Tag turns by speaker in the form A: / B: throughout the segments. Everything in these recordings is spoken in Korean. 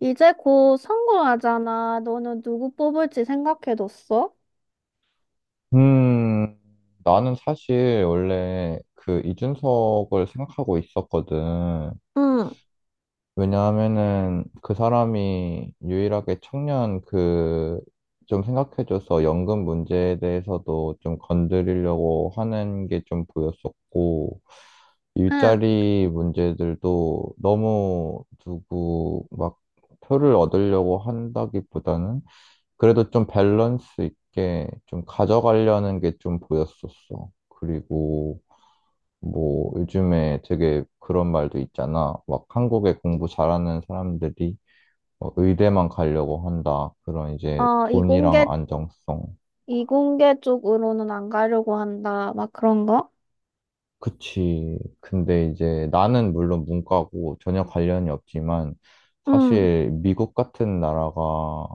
A: 이제 곧 선거하잖아. 너는 누구 뽑을지 생각해뒀어?
B: 음, 나는 사실 원래 그 이준석을 생각하고 있었거든.
A: 응,
B: 왜냐하면은 그 사람이 유일하게 청년 좀 생각해줘서 연금 문제에 대해서도 좀 건드리려고 하는 게 좀 보였었고,
A: 응.
B: 일자리 문제들도 너무 누구 막 표를 얻으려고 한다기보다는 그래도 좀 밸런스 있게 좀 가져가려는 게 좀 보였었어. 그리고 뭐 요즘에 되게 그런 말도 있잖아. 막 한국에 공부 잘하는 사람들이 뭐 의대만 가려고 한다. 그런 이제
A: 어,
B: 돈이랑
A: 이공계,
B: 안정성.
A: 이공계 쪽으로는 안 가려고 한다. 막 그런 거?
B: 그치. 근데 이제 나는 물론 문과고 전혀 관련이 없지만
A: 응,
B: 사실 미국 같은 나라가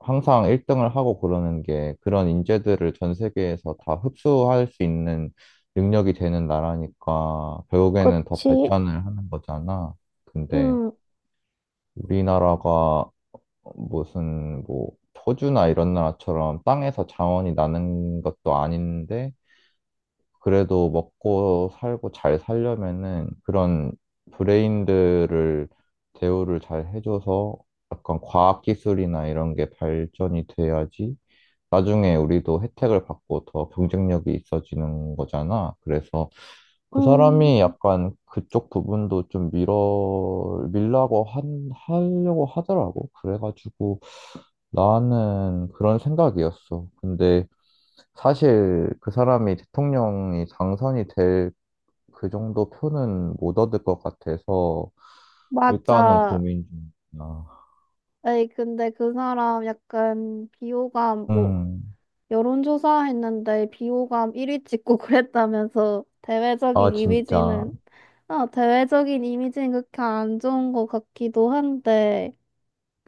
B: 항상 1등을 하고 그러는 게 그런 인재들을 전 세계에서 다 흡수할 수 있는 능력이 되는 나라니까 결국에는 더
A: 그치.
B: 발전을 하는 거잖아. 근데
A: 응,
B: 우리나라가 무슨 뭐 호주나 이런 나라처럼 땅에서 자원이 나는 것도 아닌데 그래도 먹고 살고 잘 살려면은 그런 브레인들을 대우를 잘 해줘서 약간 과학 기술이나 이런 게 발전이 돼야지 나중에 우리도 혜택을 받고 더 경쟁력이 있어지는 거잖아. 그래서 그 사람이
A: 응,
B: 약간 그쪽 부분도 좀 밀어 밀라고 한 하려고 하더라고. 그래가지고 나는 그런 생각이었어. 근데 사실 그 사람이 대통령이 당선이 될 그 정도 표는 못 얻을 것 같아서 일단은
A: 맞아.
B: 고민 중이야.
A: 에이, 근데 그 사람 약간 비호감, 뭐,
B: 음,
A: 여론조사 했는데 비호감 1위 찍고 그랬다면서, 대외적인
B: 아, 진짜.
A: 이미지는. 어, 대외적인 이미지는 그렇게 안 좋은 것 같기도 한데.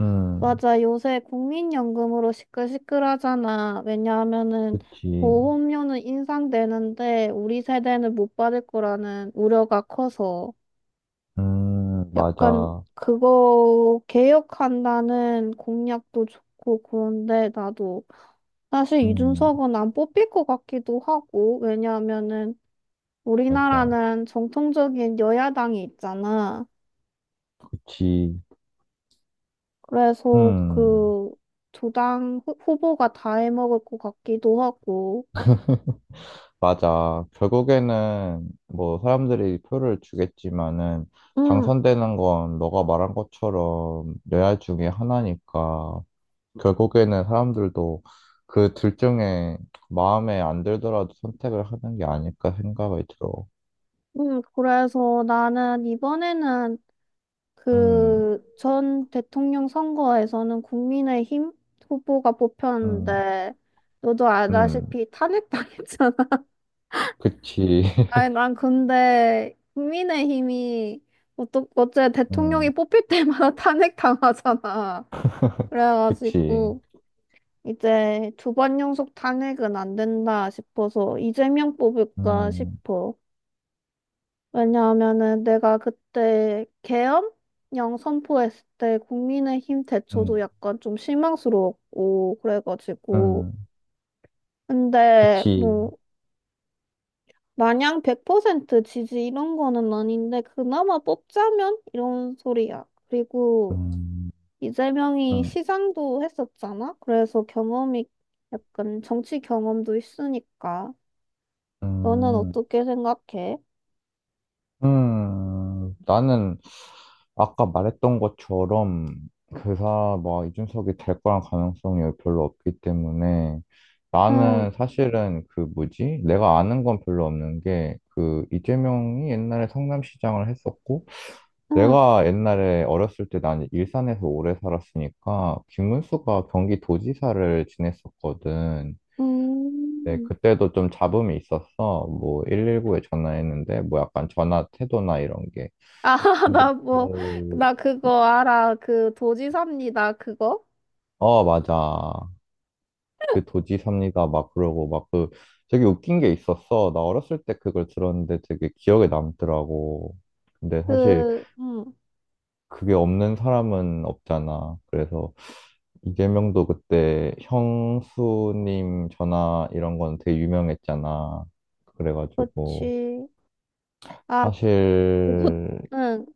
B: 음,
A: 맞아. 요새 국민연금으로 시끌시끌하잖아. 왜냐하면은
B: 그치.
A: 보험료는 인상되는데 우리 세대는 못 받을 거라는 우려가 커서. 약간
B: 맞아.
A: 그거 개혁한다는 공약도 좋고. 그런데 나도 사실
B: 음,
A: 이준석은 안 뽑힐 것 같기도 하고. 왜냐하면은
B: 맞아.
A: 우리나라는 정통적인 여야당이 있잖아.
B: 그치.
A: 그래서
B: 음,
A: 그 두 당 후보가 다 해먹을 것 같기도 하고.
B: 맞아. 결국에는 뭐 사람들이 표를 주겠지만은
A: 음,
B: 당선되는 건 너가 말한 것처럼 레알 중에 하나니까. 결국에는 사람들도 그 둘 중에 마음에 안 들더라도 선택을 하는 게 아닐까 생각이 들어.
A: 그래서 나는 이번에는,
B: 음,
A: 그, 전 대통령 선거에서는 국민의힘 후보가
B: 음,
A: 뽑혔는데, 너도
B: 음,
A: 알다시피 탄핵당했잖아.
B: 그치.
A: 아니, 난 근데 국민의힘이 어째 대통령이
B: 음,
A: 뽑힐 때마다 탄핵당하잖아.
B: 그치.
A: 그래가지고 이제 두 번 연속 탄핵은 안 된다 싶어서 이재명 뽑을까
B: 음,
A: 싶어. 왜냐하면은 내가 그때 계엄령 선포했을 때 국민의힘 대처도
B: 음,
A: 약간 좀 실망스러웠고 그래가지고.
B: 음,
A: 근데
B: 그치.
A: 뭐 마냥 100% 지지 이런 거는 아닌데 그나마 뽑자면 이런 소리야. 그리고
B: 음,
A: 이재명이
B: 음,
A: 시장도 했었잖아. 그래서 경험이, 약간 정치 경험도 있으니까. 너는
B: 음.
A: 어떻게 생각해?
B: 나는 아까 말했던 것처럼 그사 뭐 이준석이 될 거란 가능성이 별로 없기 때문에
A: 응,
B: 나는 사실은 그 뭐지? 내가 아는 건 별로 없는 게 그 이재명이 옛날에 성남시장을 했었고
A: 응,
B: 내가 옛날에 어렸을 때 난 일산에서 오래 살았으니까 김문수가 경기도지사를 지냈었거든. 네,
A: 음.
B: 그때도 좀 잡음이 있었어. 뭐, 119에 전화했는데, 뭐 약간 전화 태도나 이런 게.
A: 아,
B: 근데
A: 나 뭐,
B: 뭐,
A: 나 그거 알아. 그 도지사입니다. 그거?
B: 어, 맞아. 그 도지사입니다. 막 그러고, 막 그, 되게 웃긴 게 있었어. 나 어렸을 때 그걸 들었는데 되게 기억에 남더라고. 근데 사실
A: 그, 응,
B: 그게 없는 사람은 없잖아. 그래서 이재명도 그때 형수님 전화 이런 건 되게 유명했잖아. 그래가지고,
A: 그치. 아,
B: 사실
A: 그, 응,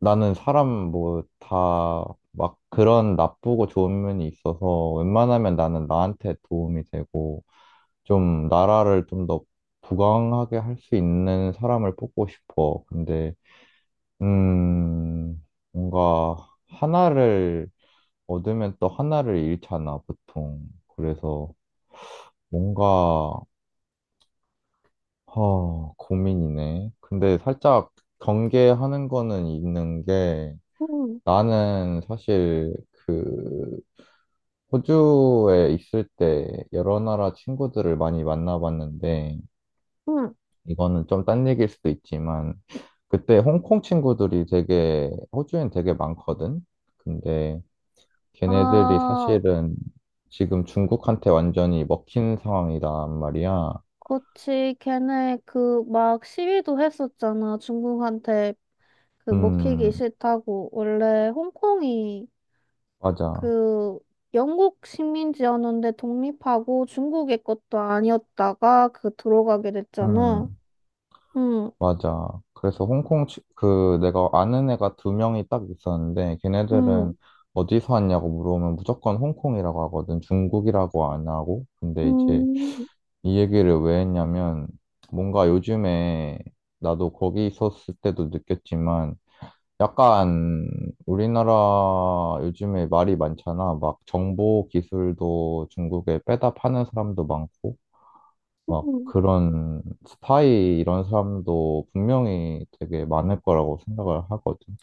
B: 나는 사람 뭐 다 막 그런 나쁘고 좋은 면이 있어서 웬만하면 나는 나한테 도움이 되고 좀 나라를 좀 더 부강하게 할 수 있는 사람을 뽑고 싶어. 근데 음 뭔가 하나를 얻으면 또 하나를 잃잖아, 보통. 그래서 뭔가 고민이네. 근데 살짝 경계하는 거는 있는 게
A: 응,
B: 나는 사실 그 호주에 있을 때 여러 나라 친구들을 많이 만나봤는데,
A: 응.
B: 이거는 좀 딴 얘기일 수도 있지만, 그때 홍콩 친구들이 되게, 호주엔 되게 많거든? 근데 걔네들이
A: 아,
B: 사실은 지금 중국한테 완전히 먹힌 상황이란 말이야.
A: 그치. 걔네 그 막 시위도 했었잖아. 중국한테 그 먹히기
B: 음,
A: 싫다고. 원래 홍콩이
B: 맞아.
A: 그 영국 식민지였는데 독립하고 중국의 것도 아니었다가 그 들어가게 됐잖아.
B: 음,
A: 응,
B: 맞아. 그래서 홍콩, 그, 내가 아는 애가 두 명이 딱 있었는데,
A: 응,
B: 걔네들은 어디서 왔냐고 물어보면 무조건 홍콩이라고 하거든. 중국이라고 안 하고. 근데 이제
A: 응.
B: 이 얘기를 왜 했냐면, 뭔가 요즘에 나도 거기 있었을 때도 느꼈지만, 약간 우리나라 요즘에 말이 많잖아. 막 정보 기술도 중국에 빼다 파는 사람도 많고, 막
A: 응.
B: 그런 스파이 이런 사람도 분명히 되게 많을 거라고 생각을 하거든.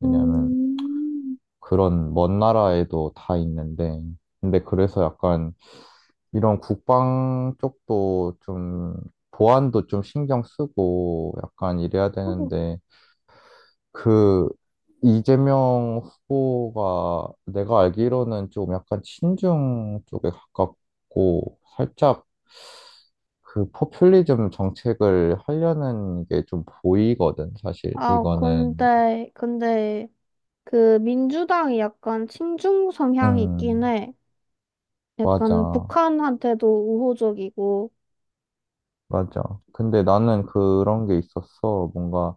B: 왜냐하면
A: 음,
B: 그런 먼 나라에도 다 있는데, 근데 그래서 약간 이런 국방 쪽도 좀 보안도 좀 신경 쓰고 약간 이래야 되는데, 그 이재명 후보가 내가 알기로는 좀 약간 친중 쪽에 가깝고 살짝 그 포퓰리즘 정책을 하려는 게 좀 보이거든, 사실.
A: 아,
B: 이거는.
A: 그, 민주당이 약간 친중 성향이 있긴
B: 음,
A: 해. 약간
B: 맞아.
A: 북한한테도 우호적이고.
B: 맞아. 근데 나는 그런 게 있었어. 뭔가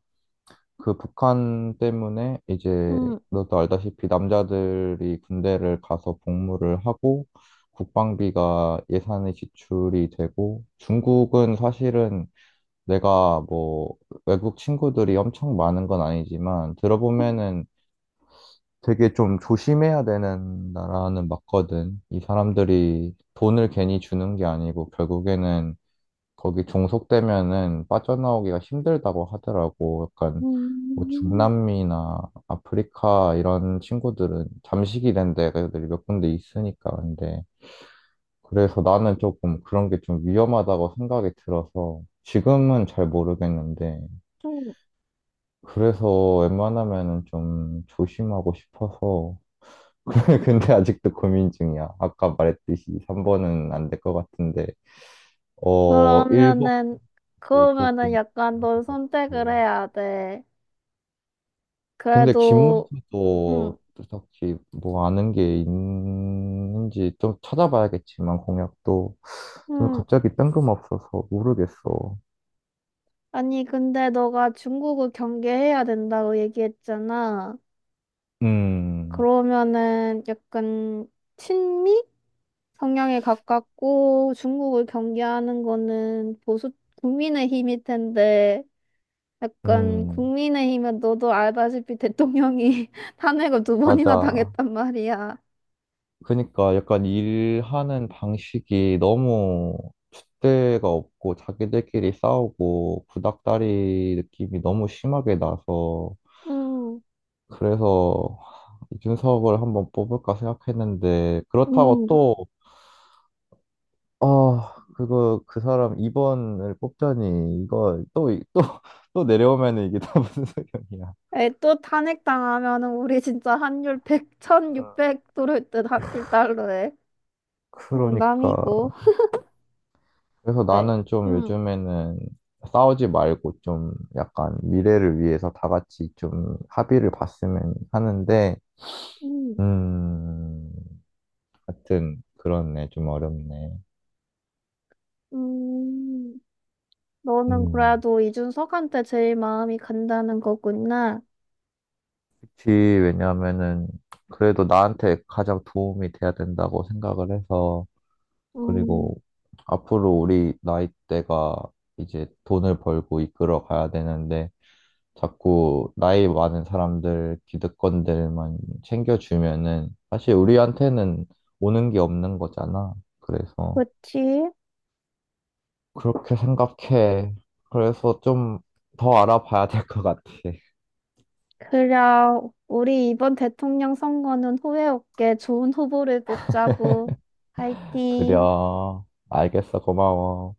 B: 그 북한 때문에 이제
A: 음,
B: 너도 알다시피 남자들이 군대를 가서 복무를 하고 국방비가 예산이 지출이 되고 중국은 사실은 내가 뭐 외국 친구들이 엄청 많은 건 아니지만 들어보면은 되게 좀 조심해야 되는 나라는 맞거든. 이 사람들이 돈을 괜히 주는 게 아니고 결국에는 거기 종속되면은 빠져나오기가 힘들다고 하더라고. 약간 뭐
A: 음,
B: 중남미나 아프리카 이런 친구들은 잠식이 된 데가 몇 군데 있으니까 근데 그래서 나는 조금 그런 게 좀 위험하다고 생각이 들어서 지금은 잘 모르겠는데
A: 음.
B: 그래서 웬만하면은 좀 조심하고 싶어서 근데 아직도 고민 중이야. 아까 말했듯이 3번은 안 될 것 같은데,
A: 그러면은,
B: 1번도
A: 그러면은
B: 조금
A: 약간
B: 궁금할
A: 넌
B: 것
A: 선택을
B: 같고.
A: 해야 돼.
B: 근데
A: 그래도, 음,
B: 김문수도 딱히 뭐 아는 게 있는지 좀 찾아봐야겠지만, 공약도 좀
A: 음,
B: 갑자기 뜬금없어서 모르겠어.
A: 아니, 근데 너가 중국을 경계해야 된다고 얘기했잖아.
B: 음,
A: 그러면은 약간 친미? 성향에 가깝고 중국을 경계하는 거는 보수, 국민의힘일 텐데, 약간
B: 음,
A: 국민의힘은 너도 알다시피 대통령이 탄핵을 두 번이나
B: 맞아.
A: 당했단 말이야.
B: 그러니까 약간 일하는 방식이 너무 줏대가 없고 자기들끼리 싸우고 구닥다리 느낌이 너무 심하게 나서
A: 음,
B: 그래서 이준석을 한번 뽑을까 생각했는데 그렇다고
A: 음.
B: 또 아, 그거 그 사람 2번을 뽑자니 이거 또 또 또 내려오면은 이게 다 무슨 소용이야.
A: 에, 또 탄핵 당하면은 우리 진짜 환율 1천 육백 6 0 0 들어올 듯1달러에 농담이고.
B: 그러니까 그래서
A: 에이,
B: 나는 좀
A: 음,
B: 요즘에는 싸우지 말고 좀 약간 미래를 위해서 다 같이 좀 합의를 봤으면 하는데,
A: 음,
B: 음, 하여튼 그렇네. 좀 어렵네.
A: 음, 너는
B: 음,
A: 그래도 이준석한테 제일 마음이 간다는 거구나.
B: 그치. 왜냐하면은 그래도 나한테 가장 도움이 돼야 된다고 생각을 해서,
A: 음.
B: 그리고 앞으로 우리 나이대가 이제 돈을 벌고 이끌어 가야 되는데, 자꾸 나이 많은 사람들, 기득권들만 챙겨주면은 사실 우리한테는 오는 게 없는 거잖아. 그래서
A: 그치?
B: 그렇게 생각해. 그래서 좀 더 알아봐야 될 것 같아.
A: 그래, 우리 이번 대통령 선거는 후회 없게 좋은 후보를 뽑자고.
B: 그래.
A: 화이팅!
B: 알겠어. 고마워.